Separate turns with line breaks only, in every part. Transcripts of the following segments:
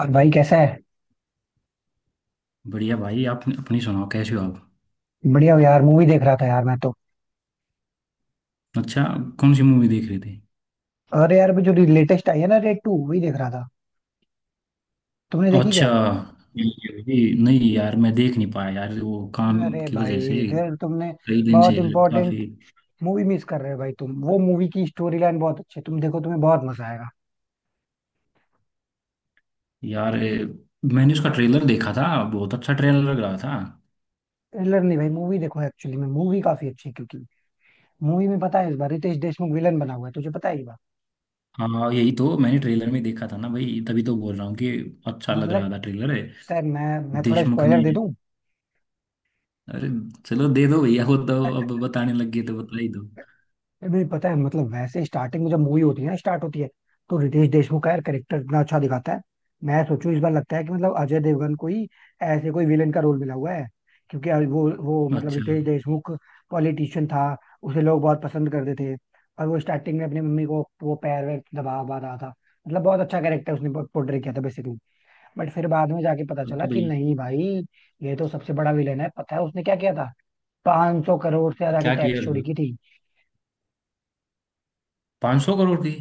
और भाई कैसा है।
बढ़िया भाई। आप अपनी सुनाओ, कैसे हो आप।
बढ़िया हो यार, मूवी देख रहा था यार मैं तो।
अच्छा। कौन सी मूवी देख रहे थे।
अरे यार, अभी जो लेटेस्ट आई है ना, रेड टू वही देख रहा था। तुमने देखी
अच्छा,
क्या?
ये नहीं यार, मैं देख नहीं पाया यार, वो काम
अरे
की
भाई,
वजह से।
फिर तुमने
कई दिन
बहुत
से।
इंपॉर्टेंट
काफी।
मूवी मिस कर रहे हो भाई। तुम वो मूवी की स्टोरी लाइन बहुत अच्छी है, तुम देखो, तुम्हें बहुत मजा आएगा।
यार, मैंने उसका ट्रेलर देखा था, बहुत अच्छा ट्रेलर लग रहा था।
ट्रेलर नहीं भाई मूवी देखो। एक्चुअली में मूवी काफी अच्छी है, क्योंकि मूवी में पता है इस बार रितेश देशमुख विलन बना हुआ है। तुझे पता है ये बात?
हाँ, यही तो मैंने ट्रेलर में देखा था ना भाई, तभी तो बोल रहा हूँ कि अच्छा लग
मतलब
रहा था ट्रेलर है।
यार मैं थोड़ा
देशमुख
स्पॉइलर
ने।
दे दूं।
अरे, चलो दे दो भैया, वो तो अब बताने लग गए तो बता ही दो।
नहीं पता है मतलब, वैसे स्टार्टिंग में जब मूवी होती है ना, स्टार्ट होती है, तो रितेश देशमुख का यार करेक्टर इतना अच्छा दिखाता है। मैं सोचूं इस बार लगता है कि मतलब अजय देवगन को ही ऐसे कोई विलेन का रोल मिला हुआ है। क्योंकि अभी वो मतलब
अच्छा।
रितेश देशमुख पॉलिटिशियन था, उसे लोग बहुत पसंद करते थे। और वो स्टार्टिंग में अपनी मम्मी को वो पैर वैर दबा वबा रहा था। मतलब बहुत अच्छा कैरेक्टर उसने पोर्ट्रे किया था बेसिकली। बट फिर बाद में जाके पता
अब
चला
तो
कि
भाई
नहीं भाई, ये तो सबसे बड़ा विलेन है। पता है उसने क्या किया था? 500 करोड़ से ज्यादा की
क्या किया
टैक्स
था
चोरी
भाई।
की थी।
500 करोड़ की।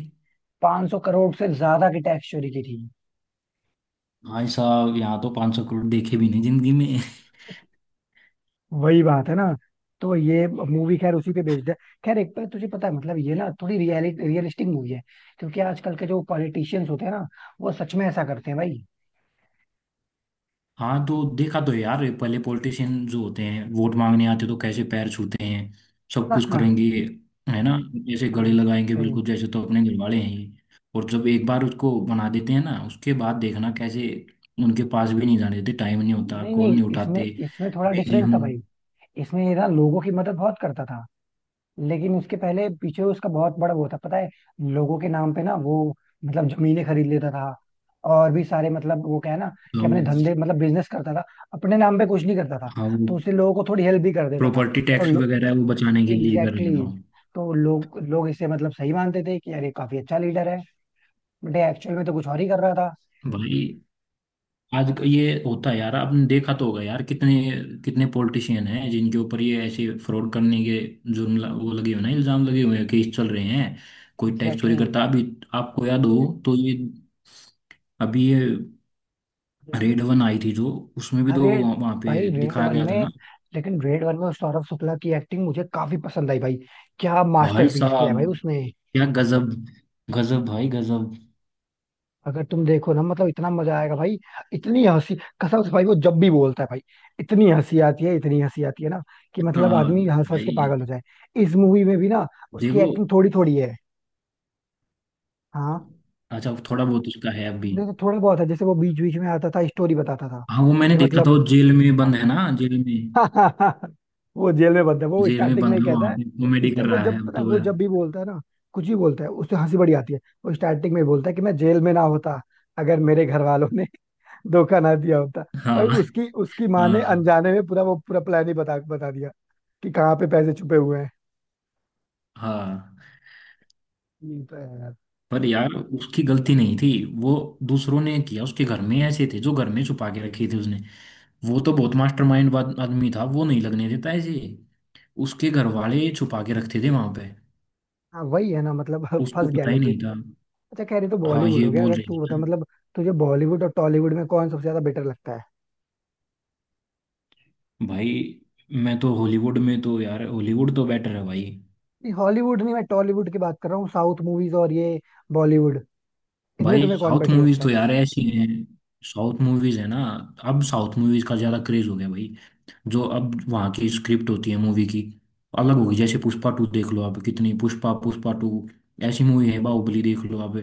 500 करोड़ से ज्यादा की टैक्स चोरी की थी।
भाई साहब, यहाँ तो 500 करोड़ देखे भी नहीं जिंदगी में।
वही बात है ना। तो ये मूवी खैर उसी पे बेस्ड है। खैर एक पर तुझे पता है मतलब ये ना थोड़ी रियलिटी रियलिस्टिक मूवी है। क्योंकि आजकल के जो पॉलिटिशियंस होते हैं ना, वो सच में ऐसा करते हैं भाई।
हाँ, तो देखा तो है यार, पहले पॉलिटिशियन जो होते हैं वोट मांगने आते तो कैसे पैर छूते हैं, सब
हाँ
कुछ करेंगे,
हाँ।
है ना। जैसे गले
हाँ,
लगाएंगे
सही।
बिल्कुल, जैसे तो अपने घर वाले हैं ही। और जब एक बार उसको बना देते हैं ना, उसके बाद देखना कैसे, उनके पास भी नहीं जाने देते, टाइम नहीं होता,
नहीं
कॉल
नहीं,
नहीं
इसमें
उठाते,
इसमें थोड़ा
बिजी
डिफरेंस था
हूँ।
भाई। इसमें ये ना लोगों की मदद बहुत करता था। लेकिन उसके पहले पीछे उसका बहुत बड़ा वो था, पता है। लोगों के नाम पे ना वो, मतलब जमीनें खरीद लेता था। और भी सारे मतलब वो क्या है ना,
तो
कि अपने धंधे मतलब बिजनेस करता था, अपने नाम पे कुछ नहीं करता था।
हाँ, वो
तो उससे लोगों को थोड़ी हेल्प भी कर देता था।
प्रॉपर्टी
तो
टैक्स वगैरह वो बचाने के लिए कर रहे
एग्जैक्टली
था।
तो लोग लोग इसे मतलब सही मानते थे कि अरे काफी अच्छा लीडर है। बट एक्चुअल में तो कुछ और ही कर रहा था।
भाई आज ये होता है यार, आपने देखा तो होगा यार, कितने कितने पॉलिटिशियन हैं जिनके ऊपर ये ऐसे फ्रॉड करने के वो लगे हुए ना, इल्जाम लगे हुए हैं, केस चल रहे हैं। कोई टैक्स
एग्जैक्टली
चोरी
exactly.
करता अभी, आपको याद हो, तो ये, अभी ये
हम्म।
रेड वन आई थी जो, उसमें भी तो
अरे
वहां पे
भाई रेड
दिखाया
वन
गया था
में।
ना।
लेकिन रेड वन में उस सौरभ शुक्ला की एक्टिंग मुझे काफी पसंद आई भाई। क्या
भाई
मास्टरपीस किया है
साहब
भाई उसने।
क्या गजब, गजब भाई गजब।
अगर तुम देखो ना मतलब इतना मजा आएगा भाई। इतनी हंसी। कसम से भाई वो जब भी बोलता है भाई, इतनी हंसी आती है, इतनी हंसी आती है ना, कि मतलब
हाँ
आदमी हंस हंस
भाई।
के पागल हो जाए। इस मूवी में भी ना उसकी
देखो,
एक्टिंग थोड़ी थोड़ी है। हाँ।
अच्छा थोड़ा बहुत उसका है अभी।
देखो थोड़ा बहुत है, जैसे वो बीच बीच में आता था, स्टोरी बताता था
हाँ वो मैंने
कि
देखा था,
मतलब
वो जेल में बंद है ना, जेल में।
वो जेल में बंद है, वो
जेल में
स्टार्टिंग में
बंद
ही
हो, अब
कहता
वहां
है।
पे कॉमेडी कर
वो
रहा है
जब
अब
पता है
तो
वो
वह।
जब भी बोलता है ना, कुछ भी बोलता है उससे हंसी बड़ी आती है। वो स्टार्टिंग में ही बोलता है कि मैं जेल में ना होता अगर मेरे घर वालों ने धोखा ना दिया होता।
हाँ
भाई उसकी उसकी माँ
हाँ
ने अनजाने में पूरा वो पूरा प्लान ही बता बता दिया कि कहाँ पे पैसे छुपे हुए हैं।
हाँ।
ये तो है यार।
पर यार उसकी गलती नहीं थी, वो दूसरों ने किया, उसके घर में ऐसे थे जो घर में छुपा के रखे थे उसने। वो तो बहुत मास्टरमाइंड आदमी था, वो नहीं लगने देता ऐसे, उसके घर वाले छुपा के रखते थे वहां पे।
हाँ वही है ना मतलब
उसको
फंस गया
पता ही
लेकिन।
नहीं था।
अच्छा, कह रही तो
हाँ,
बॉलीवुड
ये
हो गया,
बोल
अगर
रहे
तू
थे।
बता मतलब तुझे बॉलीवुड और टॉलीवुड में कौन सबसे ज्यादा बेटर लगता है?
भाई मैं तो हॉलीवुड में तो, यार हॉलीवुड तो बेटर है भाई।
नहीं हॉलीवुड नहीं, मैं टॉलीवुड की बात कर रहा हूँ, साउथ मूवीज और ये बॉलीवुड, इनमें
भाई
तुम्हें कौन
साउथ
बेटर
मूवीज
लगता
तो
है?
यार ऐसी हैं, साउथ मूवीज है ना, अब साउथ मूवीज का ज्यादा क्रेज हो गया भाई। जो अब वहाँ की स्क्रिप्ट होती है मूवी की, अलग होगी। जैसे पुष्पा टू देख लो आप, कितनी, पुष्पा पुष्पा टू ऐसी मूवी है, बाहुबली देख लो आप।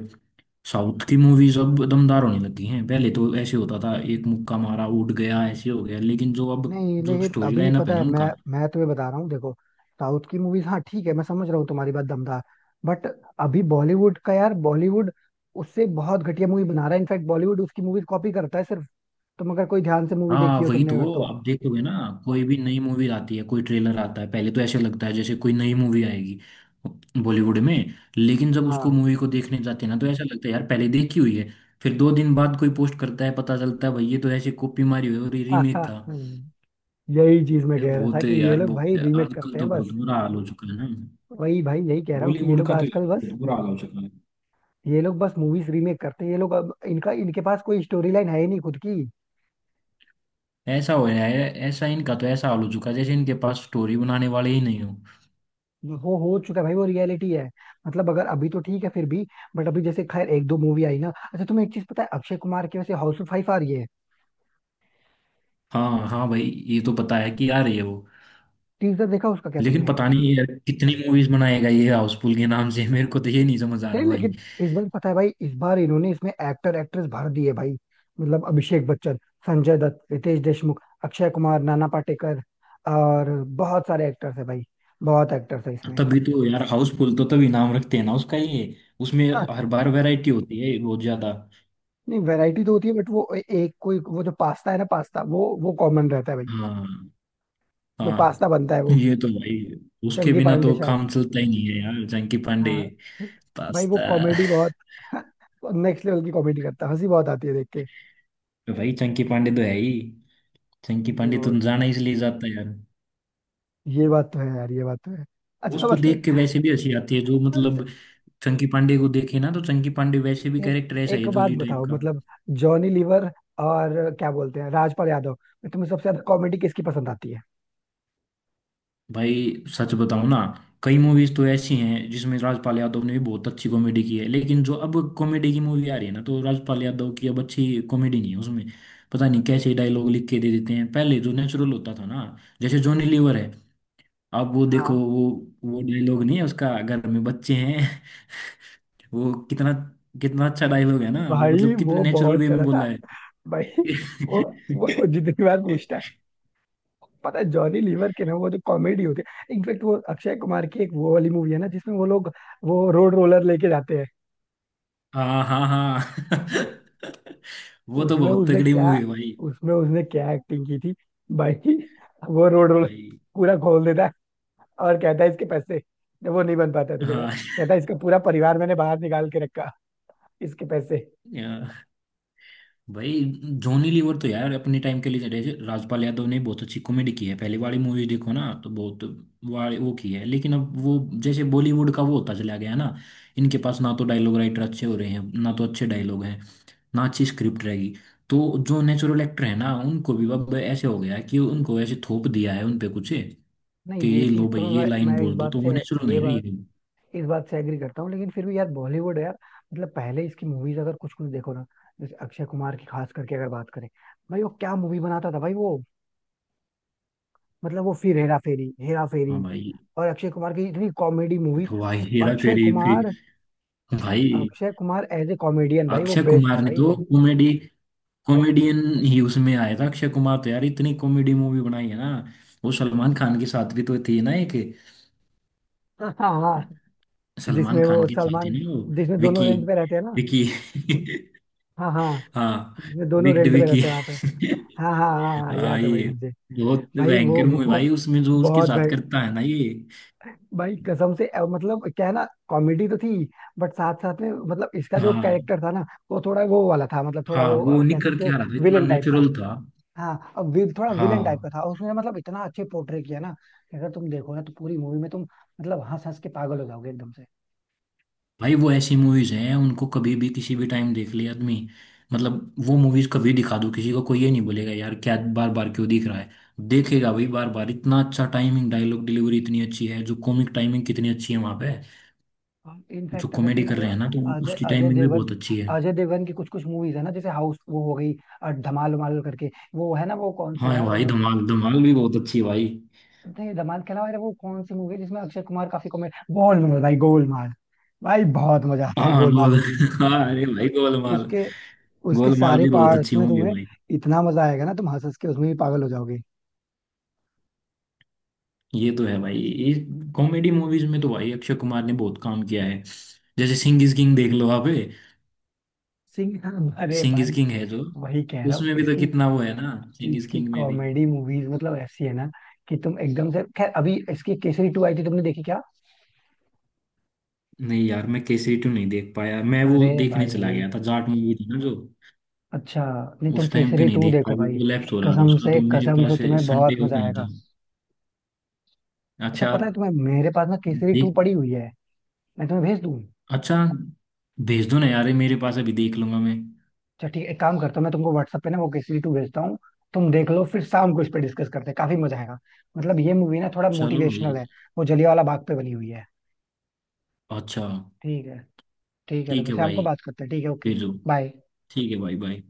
साउथ की मूवीज अब दमदार होने लगी हैं, पहले तो ऐसे होता था एक मुक्का मारा उठ गया, ऐसे हो गया, लेकिन जो अब,
नहीं
जो
लेकिन
स्टोरी
अभी
लाइनअप
पता
है ना
है मैं,
उनका।
तुम्हें बता रहा हूँ देखो, साउथ की मूवीज हाँ ठीक है, मैं समझ रहा हूँ तुम्हारी बात, दमदार। बट अभी बॉलीवुड का यार, बॉलीवुड उससे बहुत घटिया मूवी बना रहा है, इनफैक्ट बॉलीवुड उसकी मूवीज कॉपी करता है सिर्फ। तुम अगर कोई ध्यान से मूवी
हाँ,
देखी हो
वही
तुमने अगर
तो
तो।
आप देखोगे ना, कोई भी नई मूवी आती है, कोई ट्रेलर आता है, पहले तो ऐसे लगता है जैसे कोई नई मूवी आएगी बॉलीवुड में, लेकिन जब उसको
हाँ।
मूवी को देखने जाते हैं ना, तो ऐसा लगता है यार पहले देखी हुई है। फिर दो दिन बाद कोई पोस्ट करता है, पता चलता है भाई ये तो ऐसे कॉपी मारी हुई है और ये रीमेक था।
हम्म, यही चीज मैं
ये
कह रहा था
बहुत है
कि ये
यार,
लोग भाई
बहुत है।
रीमेक
आजकल
करते हैं
तो बहुत
बस।
बुरा हाल हो चुका है ना,
वही भाई यही कह रहा हूँ कि ये
बॉलीवुड
लोग
का तो
आजकल
यार
बस,
बहुत बुरा हाल हो चुका है।
ये लोग बस मूवीज रीमेक करते हैं। ये लोग अब इनका इनके पास कोई स्टोरी लाइन है ही नहीं खुद की।
ऐसा हो रहा है, ऐसा इनका तो ऐसा हाल हो चुका है जैसे इनके पास स्टोरी बनाने वाले ही नहीं हो।
वो हो चुका है भाई, वो रियलिटी है। मतलब अगर अभी तो ठीक है फिर भी, बट अभी जैसे खैर एक दो मूवी आई ना। अच्छा तुम्हें एक चीज पता है, अक्षय कुमार की वैसे हाउसफुल फाइव आ रही है,
हाँ हाँ भाई, ये तो पता है कि आ रही है वो।
टीजर देखा उसका क्या
लेकिन
तुमने?
पता नहीं यार कितनी मूवीज बनाएगा ये हाउसफुल के नाम से। मेरे को तो ये नहीं समझ आ
नहीं
रहा भाई।
लेकिन इस बार पता है भाई, इस बार इन्होंने इसमें एक्टर एक्ट्रेस भर दिए भाई। मतलब अभिषेक बच्चन, संजय दत्त, रितेश देशमुख, अक्षय कुमार, नाना पाटेकर और बहुत सारे एक्टर्स है भाई। बहुत एक्टर्स है इसमें।
तभी तो यार, हाउसफुल तो तभी नाम रखते हैं ना उसका, ये उसमें
हाँ।
हर बार वैरायटी होती है बहुत ज्यादा।
नहीं वैरायटी तो होती है, बट वो एक कोई वो जो पास्ता है ना, पास्ता वो कॉमन रहता है भाई।
हाँ
जो
हाँ।
पास्ता बनता है वो।
ये तो भाई उसके
चंगी
बिना
पांडे
तो
शायद।
काम चलता ही नहीं है यार, चंकी पांडे।
हाँ भाई वो
पास्ता।
कॉमेडी बहुत नेक्स्ट लेवल की कॉमेडी करता है, हंसी बहुत आती है देख के।
भाई चंकी पांडे तो है ही। चंकी पांडे
जो,
तो जाना इसलिए जाता है यार,
ये बात तो है यार, ये बात तो है। अच्छा
उसको
मतलब,
देख के वैसे भी हंसी आती है, जो
अच्छा,
मतलब चंकी पांडे को देखे ना, तो चंकी पांडे वैसे भी
एक
कैरेक्टर ऐसा
एक
है
बात
जोली टाइप
बताओ
का।
मतलब जॉनी लीवर और क्या बोलते हैं राजपाल यादव, में तुम्हें सबसे ज्यादा कॉमेडी किसकी पसंद आती है?
भाई सच बताऊं ना, कई मूवीज तो ऐसी हैं जिसमें राजपाल यादव ने भी बहुत अच्छी कॉमेडी की है, लेकिन जो अब कॉमेडी की मूवी आ रही है ना, तो राजपाल यादव की अब अच्छी कॉमेडी नहीं है उसमें। पता नहीं कैसे डायलॉग लिख के दे देते हैं, पहले जो नेचुरल होता था ना, जैसे जॉनी लीवर है, अब वो देखो,
हाँ
वो डायलॉग नहीं है उसका, घर में बच्चे हैं। वो कितना, कितना अच्छा डायलॉग है ना वो,
भाई
मतलब कितने
वो
नेचुरल
बहुत
वे में
चला था
बोला है।
भाई वो वो जितनी बार पूछता है, पता है जॉनी लीवर के ना वो जो कॉमेडी होती है, इनफेक्ट वो अक्षय कुमार की एक वो वाली मूवी है ना जिसमें वो लोग वो रोड रोलर लेके जाते
हाँ हाँ हाँ।
हैं।
वो तो
उसमें
बहुत
उसने
तगड़ी
क्या
मूवी है भाई।
उसमें उसने क्या एक्टिंग की थी भाई? वो रोड रोल
भाई।
पूरा खोल देता है और कहता है इसके पैसे, जब वो नहीं बन पाता तो कहता है,
हाँ।
कहता है इसका पूरा परिवार मैंने बाहर निकाल के रखा, इसके पैसे।
या- भाई जॉनी लीवर तो यार अपने टाइम के लिए, राजपाल यादव ने बहुत अच्छी कॉमेडी की है, पहले वाली मूवी देखो ना तो बहुत वाली वो की है, लेकिन अब वो, जैसे बॉलीवुड का वो होता चला गया ना, इनके पास ना तो डायलॉग राइटर अच्छे हो रहे हैं, ना तो अच्छे डायलॉग हैं, ना अच्छी स्क्रिप्ट रहेगी। तो जो नेचुरल एक्टर है ना, उनको भी अब ऐसे हो गया है कि उनको ऐसे थोप दिया है उनपे कुछ, कि
नहीं ये
ये
चीज
लो
तो
भाई ये
मैं
लाइन
इस
बोल दो,
बात
तो
से,
वो नेचुरल
ये
नहीं रही
बात
है।
इस बात से एग्री करता हूँ, लेकिन फिर भी यार बॉलीवुड है यार। मतलब पहले इसकी मूवीज अगर कुछ कुछ देखो ना, जैसे अक्षय कुमार की खास करके अगर बात करें, भाई वो क्या मूवी बनाता था भाई वो, मतलब वो फिर हेरा फेरी हेरा
हाँ
फेरी।
भाई।
और अक्षय कुमार की इतनी कॉमेडी मूवीज,
वाह,
मतलब
हेरा
अक्षय
फेरी
कुमार,
फिर। भाई
Akshay Kumar as a comedian भाई वो
अक्षय
बेस्ट है
कुमार ने
भाई
तो
वो।
कॉमेडी, कॉमेडियन ही उसमें आया था। अक्षय कुमार तो यार इतनी कॉमेडी मूवी बनाई है ना, वो सलमान खान के साथ भी तो थी ना एक,
हाँ हाँ हाँ।
सलमान
जिसमें
खान
वो
के साथ ही
सलमान,
नहीं वो,
जिसमें दोनों
विकी,
रेंट पे रहते हैं ना?
विकी।
हाँ हाँ।
हाँ,
जिसमें दोनों
विक्ड
रेंट पे
विकी।
रहते हैं वहां पे। हाँ हाँ हाँ हाँ,
हाँ
याद है भाई
ये
मुझे।
बहुत
भाई वो
भयंकर मूवी
वो
भाई, उसमें जो उसके
बहुत
साथ
भाई।
करता है ना ये।
भाई कसम से मतलब क्या है ना कॉमेडी तो थी, बट साथ साथ में मतलब इसका जो
हाँ।
कैरेक्टर था ना, वो थोड़ा वो वाला था, मतलब थोड़ा
हाँ
वो
वो
कह
निखर
सकते हो
के आ रहा था, इतना
विलेन टाइप का।
नेचुरल था।
हाँ अब थोड़ा विलेन टाइप का
हाँ
था, और उसने मतलब इतना अच्छे पोर्ट्रे किया ना कि अगर तुम देखो ना तो पूरी मूवी में तुम मतलब हंस हंस के पागल हो जाओगे एकदम से।
भाई वो ऐसी मूवीज हैं उनको कभी भी किसी भी टाइम देख ले आदमी, मतलब वो मूवीज कभी दिखा दो किसी को, कोई ये नहीं बोलेगा यार क्या बार बार क्यों दिख रहा है। देखेगा भाई बार बार, इतना अच्छा टाइमिंग, डायलॉग डिलीवरी इतनी अच्छी है, जो कॉमिक टाइमिंग कितनी अच्छी है वहां पे, जो
इनफैक्ट अगर
कॉमेडी
तुम
कर रहे हैं ना, तो
अजय
उसकी
अजय
टाइमिंग भी
देवगन,
बहुत अच्छी है।
अजय देवगन की कुछ कुछ मूवीज है ना, जैसे हाउस वो हो गई, धमाल उमाल करके वो है ना वो कौन सी
हाँ
यार
भाई धमाल, धमाल भी बहुत अच्छी है भाई।
नहीं धमाल के अलावा यार वो कौन सी मूवी है जिसमें अक्षय कुमार काफी कॉमेडी, गोलमाल भाई गोलमाल। भाई बहुत मजा आता है
हाँ
गोलमाल
गोल,
में भी।
हाँ अरे भाई गोलमाल,
उसके उसके
गोलमाल
सारे
भी बहुत
पार्ट्स
अच्छी
में
मूवी है
तुम्हें
भाई।
इतना मजा आएगा ना, तुम हंस हंस के उसमें भी पागल हो जाओगे।
ये तो है भाई, ये कॉमेडी मूवीज में तो भाई अक्षय कुमार ने बहुत काम किया है, जैसे सिंह इज किंग देख लो आप।
सिंह अरे
सिंह इज
भाई,
किंग है जो,
वही कह रहा हूँ
उसमें भी तो
इसकी,
कितना वो है ना, सिंह इज
इसकी
किंग में भी।
कॉमेडी मूवीज मतलब ऐसी है ना कि तुम एकदम से, खैर अभी इसकी केसरी टू आई थी, तुमने देखी क्या?
नहीं यार, मैं केसरी टू नहीं देख पाया, मैं वो
अरे
देखने चला
भाई
गया था, जाट मूवी थी ना जो।
अच्छा। नहीं तुम
उस टाइम पे
केसरी
नहीं
टू
देख
देखो
पाया,
भाई,
वो लैप्स हो रहा था उसका तो मेरे
कसम से
पास,
तुम्हें
संडे
बहुत
को
मजा
नहीं
आएगा।
था।
अच्छा
अच्छा यार।
पता है तुम्हें, मेरे पास ना केसरी टू
देख।
पड़ी हुई है, मैं तुम्हें भेज दूँ?
अच्छा भेज दो ना यार, ये मेरे पास अभी देख लूंगा मैं।
अच्छा ठीक है, एक काम करता हूँ मैं तुमको व्हाट्सएप पे ना वो केसरी टू भेजता हूँ, तुम देख लो, फिर शाम को इस पे डिस्कस करते हैं, काफी मजा आएगा। मतलब ये मूवी ना थोड़ा
चलो भाई।
मोटिवेशनल है, वो जलियांवाला बाग पे बनी हुई है।
अच्छा
ठीक है। ठीक है तो
ठीक
फिर
है
शाम को
भाई,
बात करते हैं, ठीक है, ओके।
भेजो।
बाय।
ठीक है भाई, बाय।